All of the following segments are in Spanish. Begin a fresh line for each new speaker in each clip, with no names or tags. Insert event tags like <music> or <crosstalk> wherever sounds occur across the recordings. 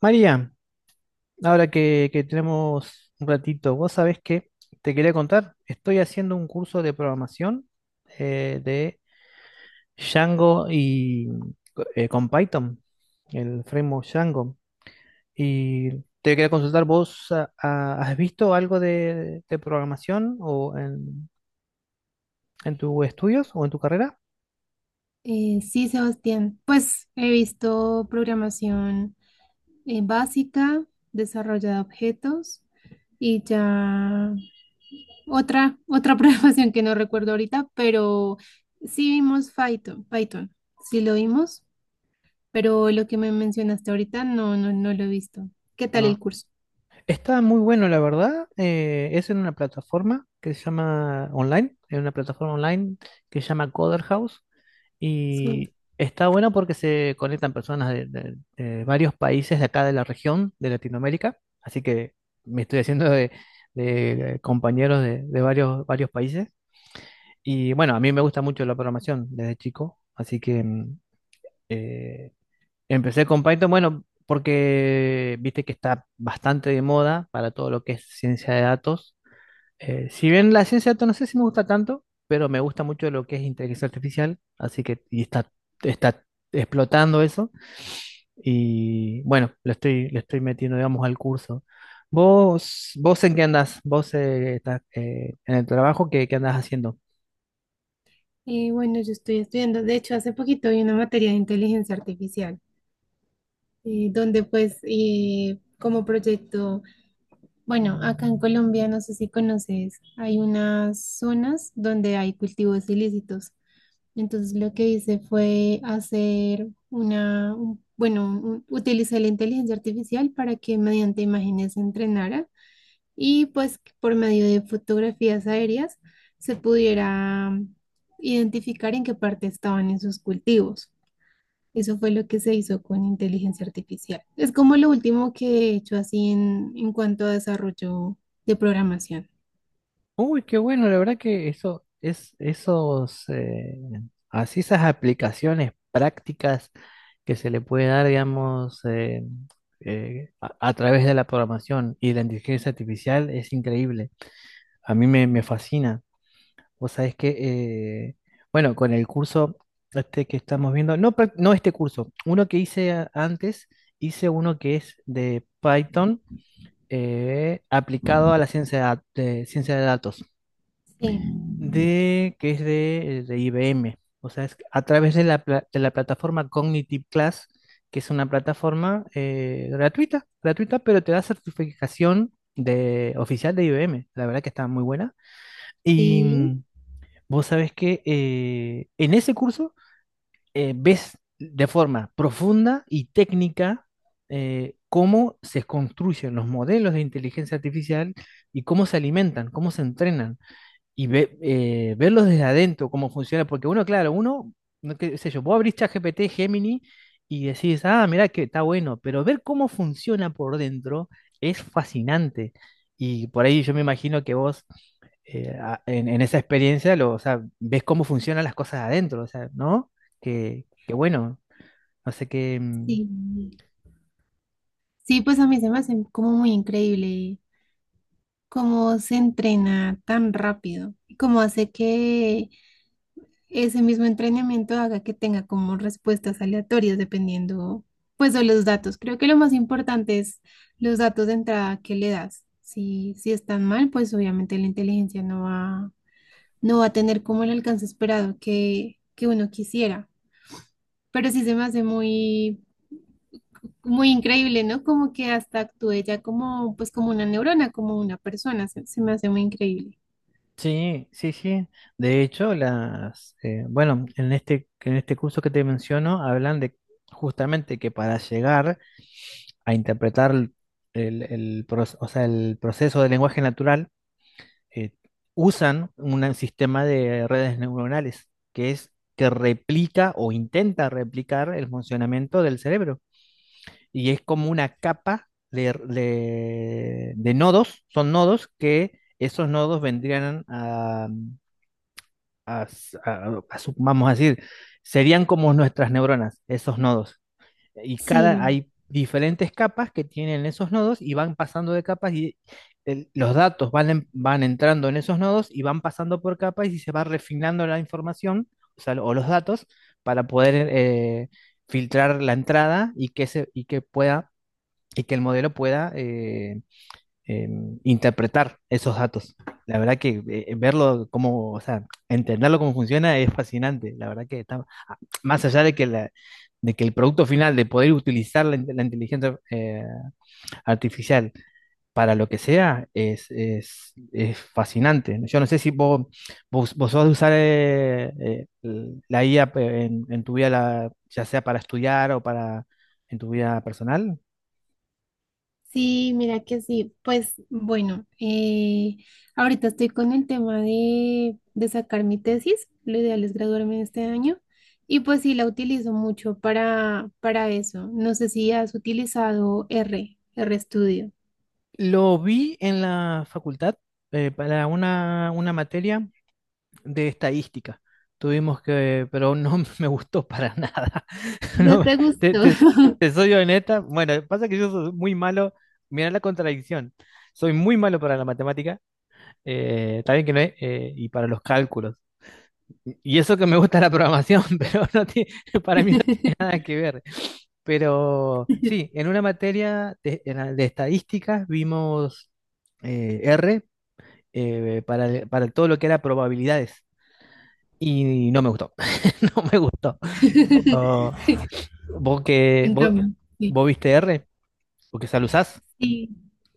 María, ahora que tenemos un ratito, vos sabés que te quería contar, estoy haciendo un curso de programación de Django y con Python, el framework Django. Y te quería consultar, ¿vos has visto algo de programación o en tus estudios o en tu carrera?
Sí, Sebastián. Pues he visto programación básica, desarrollo de objetos y ya otra <laughs> programación que no recuerdo ahorita, pero sí vimos Python, sí lo vimos, pero lo que me mencionaste ahorita no, no, no lo he visto. ¿Qué tal el
No.
curso?
Está muy bueno, la verdad. Es en una plataforma que se llama online, en una plataforma online que se llama Coder House.
Sí.
Y está bueno porque se conectan personas de varios países de acá de la región, de Latinoamérica. Así que me estoy haciendo de compañeros de varios países. Y bueno, a mí me gusta mucho la programación desde chico. Así que eh, empecé con Python, bueno, porque viste que está bastante de moda para todo lo que es ciencia de datos. Si bien la ciencia de datos no sé si me gusta tanto, pero me gusta mucho lo que es inteligencia artificial, así que y está explotando eso. Y bueno, le estoy metiendo, digamos, al curso. Vos en qué andás? ¿Vos estás en el trabajo? Qué andás haciendo?
Bueno, yo estoy estudiando, de hecho, hace poquito vi una materia de inteligencia artificial, donde pues como proyecto... Bueno, acá en Colombia, no sé si conoces, hay unas zonas donde hay cultivos ilícitos. Entonces lo que hice fue hacer bueno, utilicé la inteligencia artificial para que mediante imágenes se entrenara y pues que por medio de fotografías aéreas se pudiera identificar en qué parte estaban esos cultivos. Eso fue lo que se hizo con inteligencia artificial. Es como lo último que he hecho así en, cuanto a desarrollo de programación.
Uy, qué bueno, la verdad que eso es esos así esas aplicaciones prácticas que se le puede dar, digamos, a través de la programación y de la inteligencia artificial es increíble. A mí me fascina. Vos sabés que, eh, bueno, con el curso este que estamos viendo, no, este curso, uno que antes, hice uno que es de Python aplicado a la ciencia de ciencia de datos,
Sí,
de que es de IBM. O sea, es a través de de la plataforma Cognitive Class, que es una plataforma gratuita, pero te da certificación de, oficial de IBM. La verdad que está muy buena. Y
sí,
vos sabés que en ese curso ves de forma profunda y técnica cómo se construyen los modelos de inteligencia artificial y cómo se alimentan, cómo se entrenan y verlos desde adentro, cómo funciona, porque uno, claro, uno, no qué sé yo, vos abrís ChatGPT, Gemini y decís, ah, mirá que está bueno, pero ver cómo funciona por dentro es fascinante. Y por ahí yo me imagino que vos en esa experiencia lo, o sea, ves cómo funcionan las cosas adentro, o sea, ¿no? Que bueno, no sé qué, mm,
sí. Sí, pues a mí se me hace como muy increíble cómo se entrena tan rápido y cómo hace que ese mismo entrenamiento haga que tenga como respuestas aleatorias dependiendo pues de los datos. Creo que lo más importante es los datos de entrada que le das. Si están mal, pues obviamente la inteligencia no va a tener como el alcance esperado que uno quisiera. Pero sí se me hace muy, muy increíble, ¿no? Como que hasta actúe ya como, pues como una neurona, como una persona, se me hace muy increíble.
sí, sí, sí. De hecho, bueno, en este curso que te menciono, hablan de justamente que para llegar a interpretar o sea, el proceso del lenguaje natural, eh, usan un sistema de redes neuronales que es que replica o intenta replicar el funcionamiento del cerebro. Y es como una capa de nodos, son nodos que esos nodos vendrían a a- a- a su-, vamos a decir, serían como nuestras neuronas, esos nodos. Y cada,
Sí,
hay diferentes capas que tienen esos nodos y van pasando de capas y los datos van entrando en esos nodos y van pasando por capas y se va refinando la información, o sea, o los datos, para poder filtrar la entrada y que pueda, y que el modelo pueda eh, interpretar esos datos. La verdad que verlo cómo, o sea, entenderlo cómo funciona es fascinante. La verdad que está más allá de que de que el producto final de poder utilizar la inteligencia artificial para lo que sea es fascinante. Yo no sé si vos sos de usar la IA en tu vida, la- ya sea para estudiar o para en tu vida personal.
sí, mira que sí. Pues bueno, ahorita estoy con el tema de sacar mi tesis, lo ideal es graduarme este año. Y pues sí, la utilizo mucho para, eso. No sé si has utilizado R, RStudio.
Lo vi en la facultad para una materia de estadística. Tuvimos que, pero no <laughs> me gustó para nada. <laughs>
No
No,
te
te,
gustó.
te- te soy honesta. Bueno, pasa que yo soy muy malo. Mira la contradicción. Soy muy malo para la matemática, también que no es, y para los cálculos. Y eso que me gusta la programación, <laughs> pero no tiene, para mí no tiene nada que ver. Pero sí,
<laughs>
en una materia de, en la de estadísticas vimos R para todo lo que era probabilidades y no me gustó. <laughs> No me gustó. ¿Vos, que,
En
vos,
cambio, sí.
Vos viste R? ¿Porque ya lo usás?
Sí,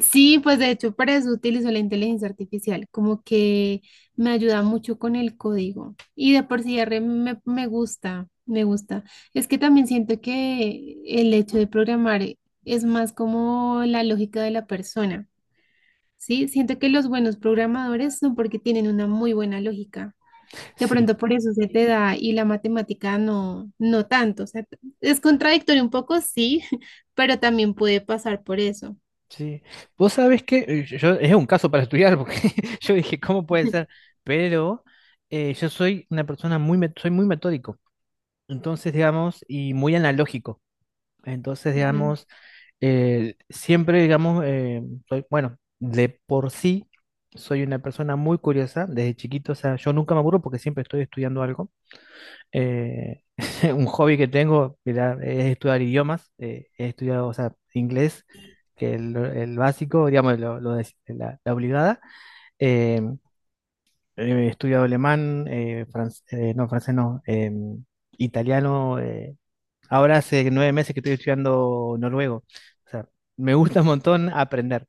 sí, pues de hecho para eso utilizo la inteligencia artificial, como que me ayuda mucho con el código y de por sí R me gusta, me gusta. Es que también siento que el hecho de programar es más como la lógica de la persona, ¿sí? Siento que los buenos programadores son porque tienen una muy buena lógica. De
Sí,
pronto por eso se te da y la matemática no, no tanto. O sea, es contradictorio un poco, sí, <laughs> pero también puede pasar por eso.
sí. Vos sabés que es un caso para estudiar, porque <laughs> yo dije, ¿cómo puede ser? Pero yo soy una persona soy muy metódico. Entonces, digamos, y muy analógico. Entonces,
Ujú.
digamos, siempre, digamos, bueno, de por sí soy una persona muy curiosa desde chiquito. O sea, yo nunca me aburro porque siempre estoy estudiando algo. Eh, <laughs> un hobby que tengo mira, es estudiar idiomas. He estudiado, o sea, inglés, que es el básico, digamos, la obligada. Eh, He estudiado alemán, no, francés no, italiano. Ahora hace 9 meses que estoy estudiando noruego. O sea, me gusta un montón aprender.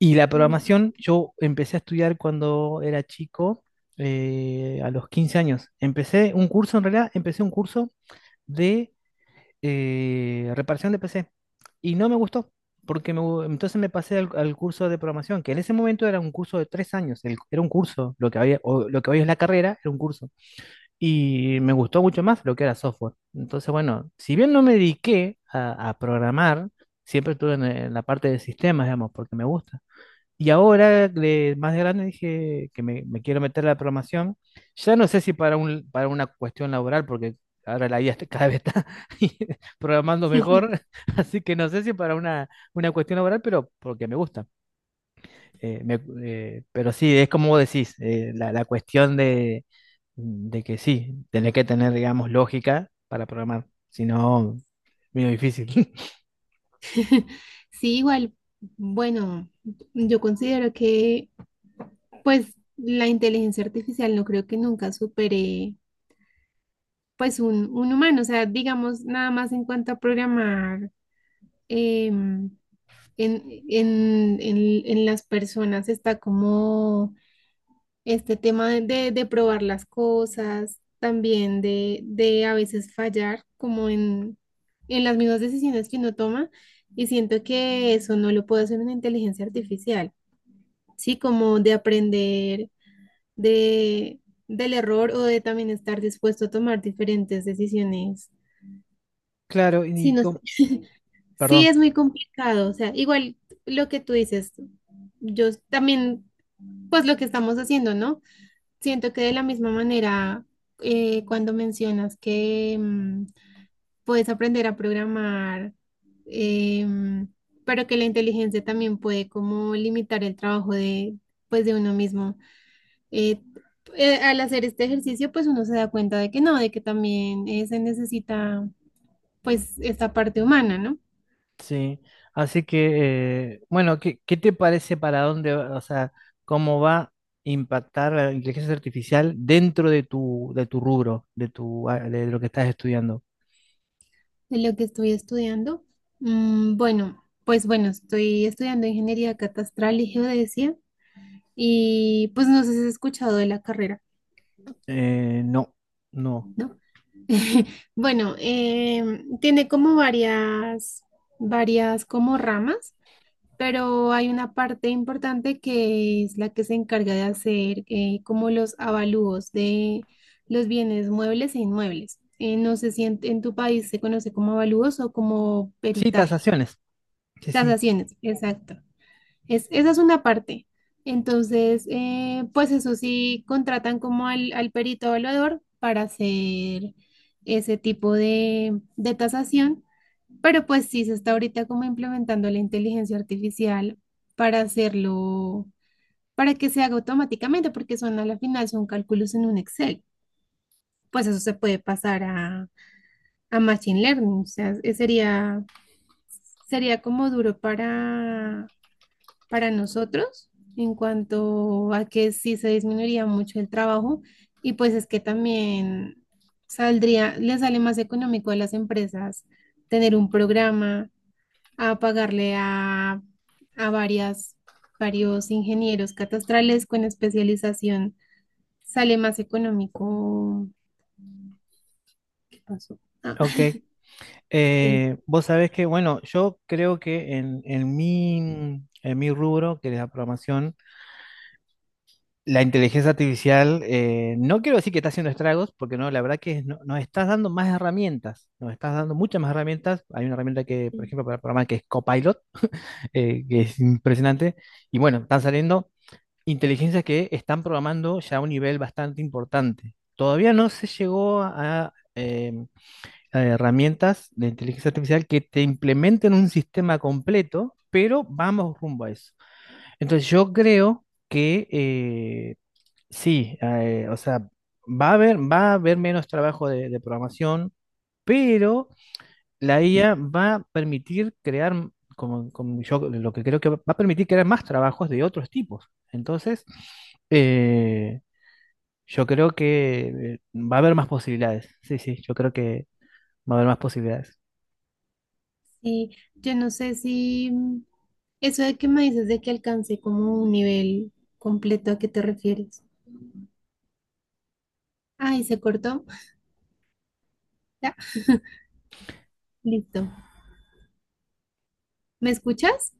Y la
Sí,
programación, yo empecé a estudiar cuando era chico, a los 15 años. Empecé un curso, en realidad, empecé un curso de reparación de PC. Y no me gustó, porque entonces me pasé al curso de programación, que en ese momento era un curso de 3 años. Era un curso, lo que había, o lo que hoy es la carrera, era un curso y me gustó mucho más lo que era software. Entonces, bueno, si bien no me dediqué a programar, siempre estuve en la parte de sistemas, digamos, porque me gusta. Y ahora, más de grande, dije que me quiero meter a la programación. Ya no sé si para para una cuestión laboral, porque ahora la IA está- <laughs> cada vez está <laughs> programando mejor, así que no sé si para una cuestión laboral, pero porque me gusta. Pero sí, es como vos decís, la cuestión de que sí, tenés que tener, digamos, lógica para programar, si no, medio difícil. <laughs>
<laughs> sí, igual, bueno, yo considero que pues la inteligencia artificial no creo que nunca supere pues un, humano. O sea, digamos, nada más en cuanto a programar em, en, en las personas está como este tema de probar las cosas, también de a veces fallar como en las mismas decisiones que uno toma y siento que eso no lo puede hacer una inteligencia artificial, ¿sí? Como de aprender de, del error o de también estar dispuesto a tomar diferentes decisiones.
Claro,
Sí,
y
no sé.
com-
Sí,
perdón,
es muy complicado, o sea, igual lo que tú dices, yo también, pues lo que estamos haciendo, ¿no? Siento que de la misma manera, cuando mencionas que puedes aprender a programar, em, pero que la inteligencia también puede como limitar el trabajo pues, de uno mismo. Eh, Al hacer este ejercicio, pues uno se da cuenta de que no, de que también se necesita, pues, esta parte humana, ¿no?
sí. Así que, bueno, ¿qué, qué te parece para dónde, va- o sea, cómo va a impactar la inteligencia artificial dentro de tu rubro, de tu, a- de lo que estás estudiando?
De lo que estoy estudiando. Bueno, pues bueno, estoy estudiando ingeniería catastral y geodesia. Y pues no sé si has escuchado de la carrera,
No, no.
¿no? <laughs> Bueno, tiene como varias como ramas, pero hay una parte importante que es la que se encarga de hacer como los avalúos de los bienes muebles e inmuebles. No sé si en, tu país se conoce como avalúos o como
Sí,
peritaje,
tasaciones. Sí, sí.
tasaciones, exacto. Esa es una parte. Entonces, pues eso sí, contratan como al perito evaluador para hacer ese tipo de tasación, pero pues sí se está ahorita como implementando la inteligencia artificial para hacerlo, para que se haga automáticamente, porque son a la final, son cálculos en un Excel. Pues eso se puede pasar a, Machine Learning, o sea, sería como duro para nosotros en cuanto a que sí se disminuiría mucho el trabajo y pues es que también saldría, le sale más económico a las empresas tener un programa a pagarle a varios ingenieros catastrales con especialización. Sale más económico. ¿Qué pasó? Ah,
Ok.
<laughs> sí.
Vos sabés que, bueno, yo creo que en mi rubro, que es la programación, la inteligencia artificial, no quiero decir que está haciendo estragos, porque no, la verdad que no- nos estás dando más herramientas, nos estás dando muchas más herramientas. Hay una herramienta que, por ejemplo, para programar que es Copilot, que es impresionante. Y bueno, están saliendo inteligencias que están programando ya a un nivel bastante importante. Todavía no se llegó a, herramientas de inteligencia artificial que te implementen un sistema completo, pero vamos rumbo a eso. Entonces yo creo que sí, o sea, va a haber menos trabajo de programación, pero la IA va a permitir crear, como yo lo que creo que va a permitir crear más trabajos de otros tipos. Entonces, eh, yo creo que va a haber más posibilidades. Sí, sí, yo creo que va a haber más posibilidades.
Sí, yo no sé si eso de que me dices de que alcancé como un nivel completo, ¿a qué te refieres? Ay, se cortó. <laughs> Ya, listo. ¿Me escuchas?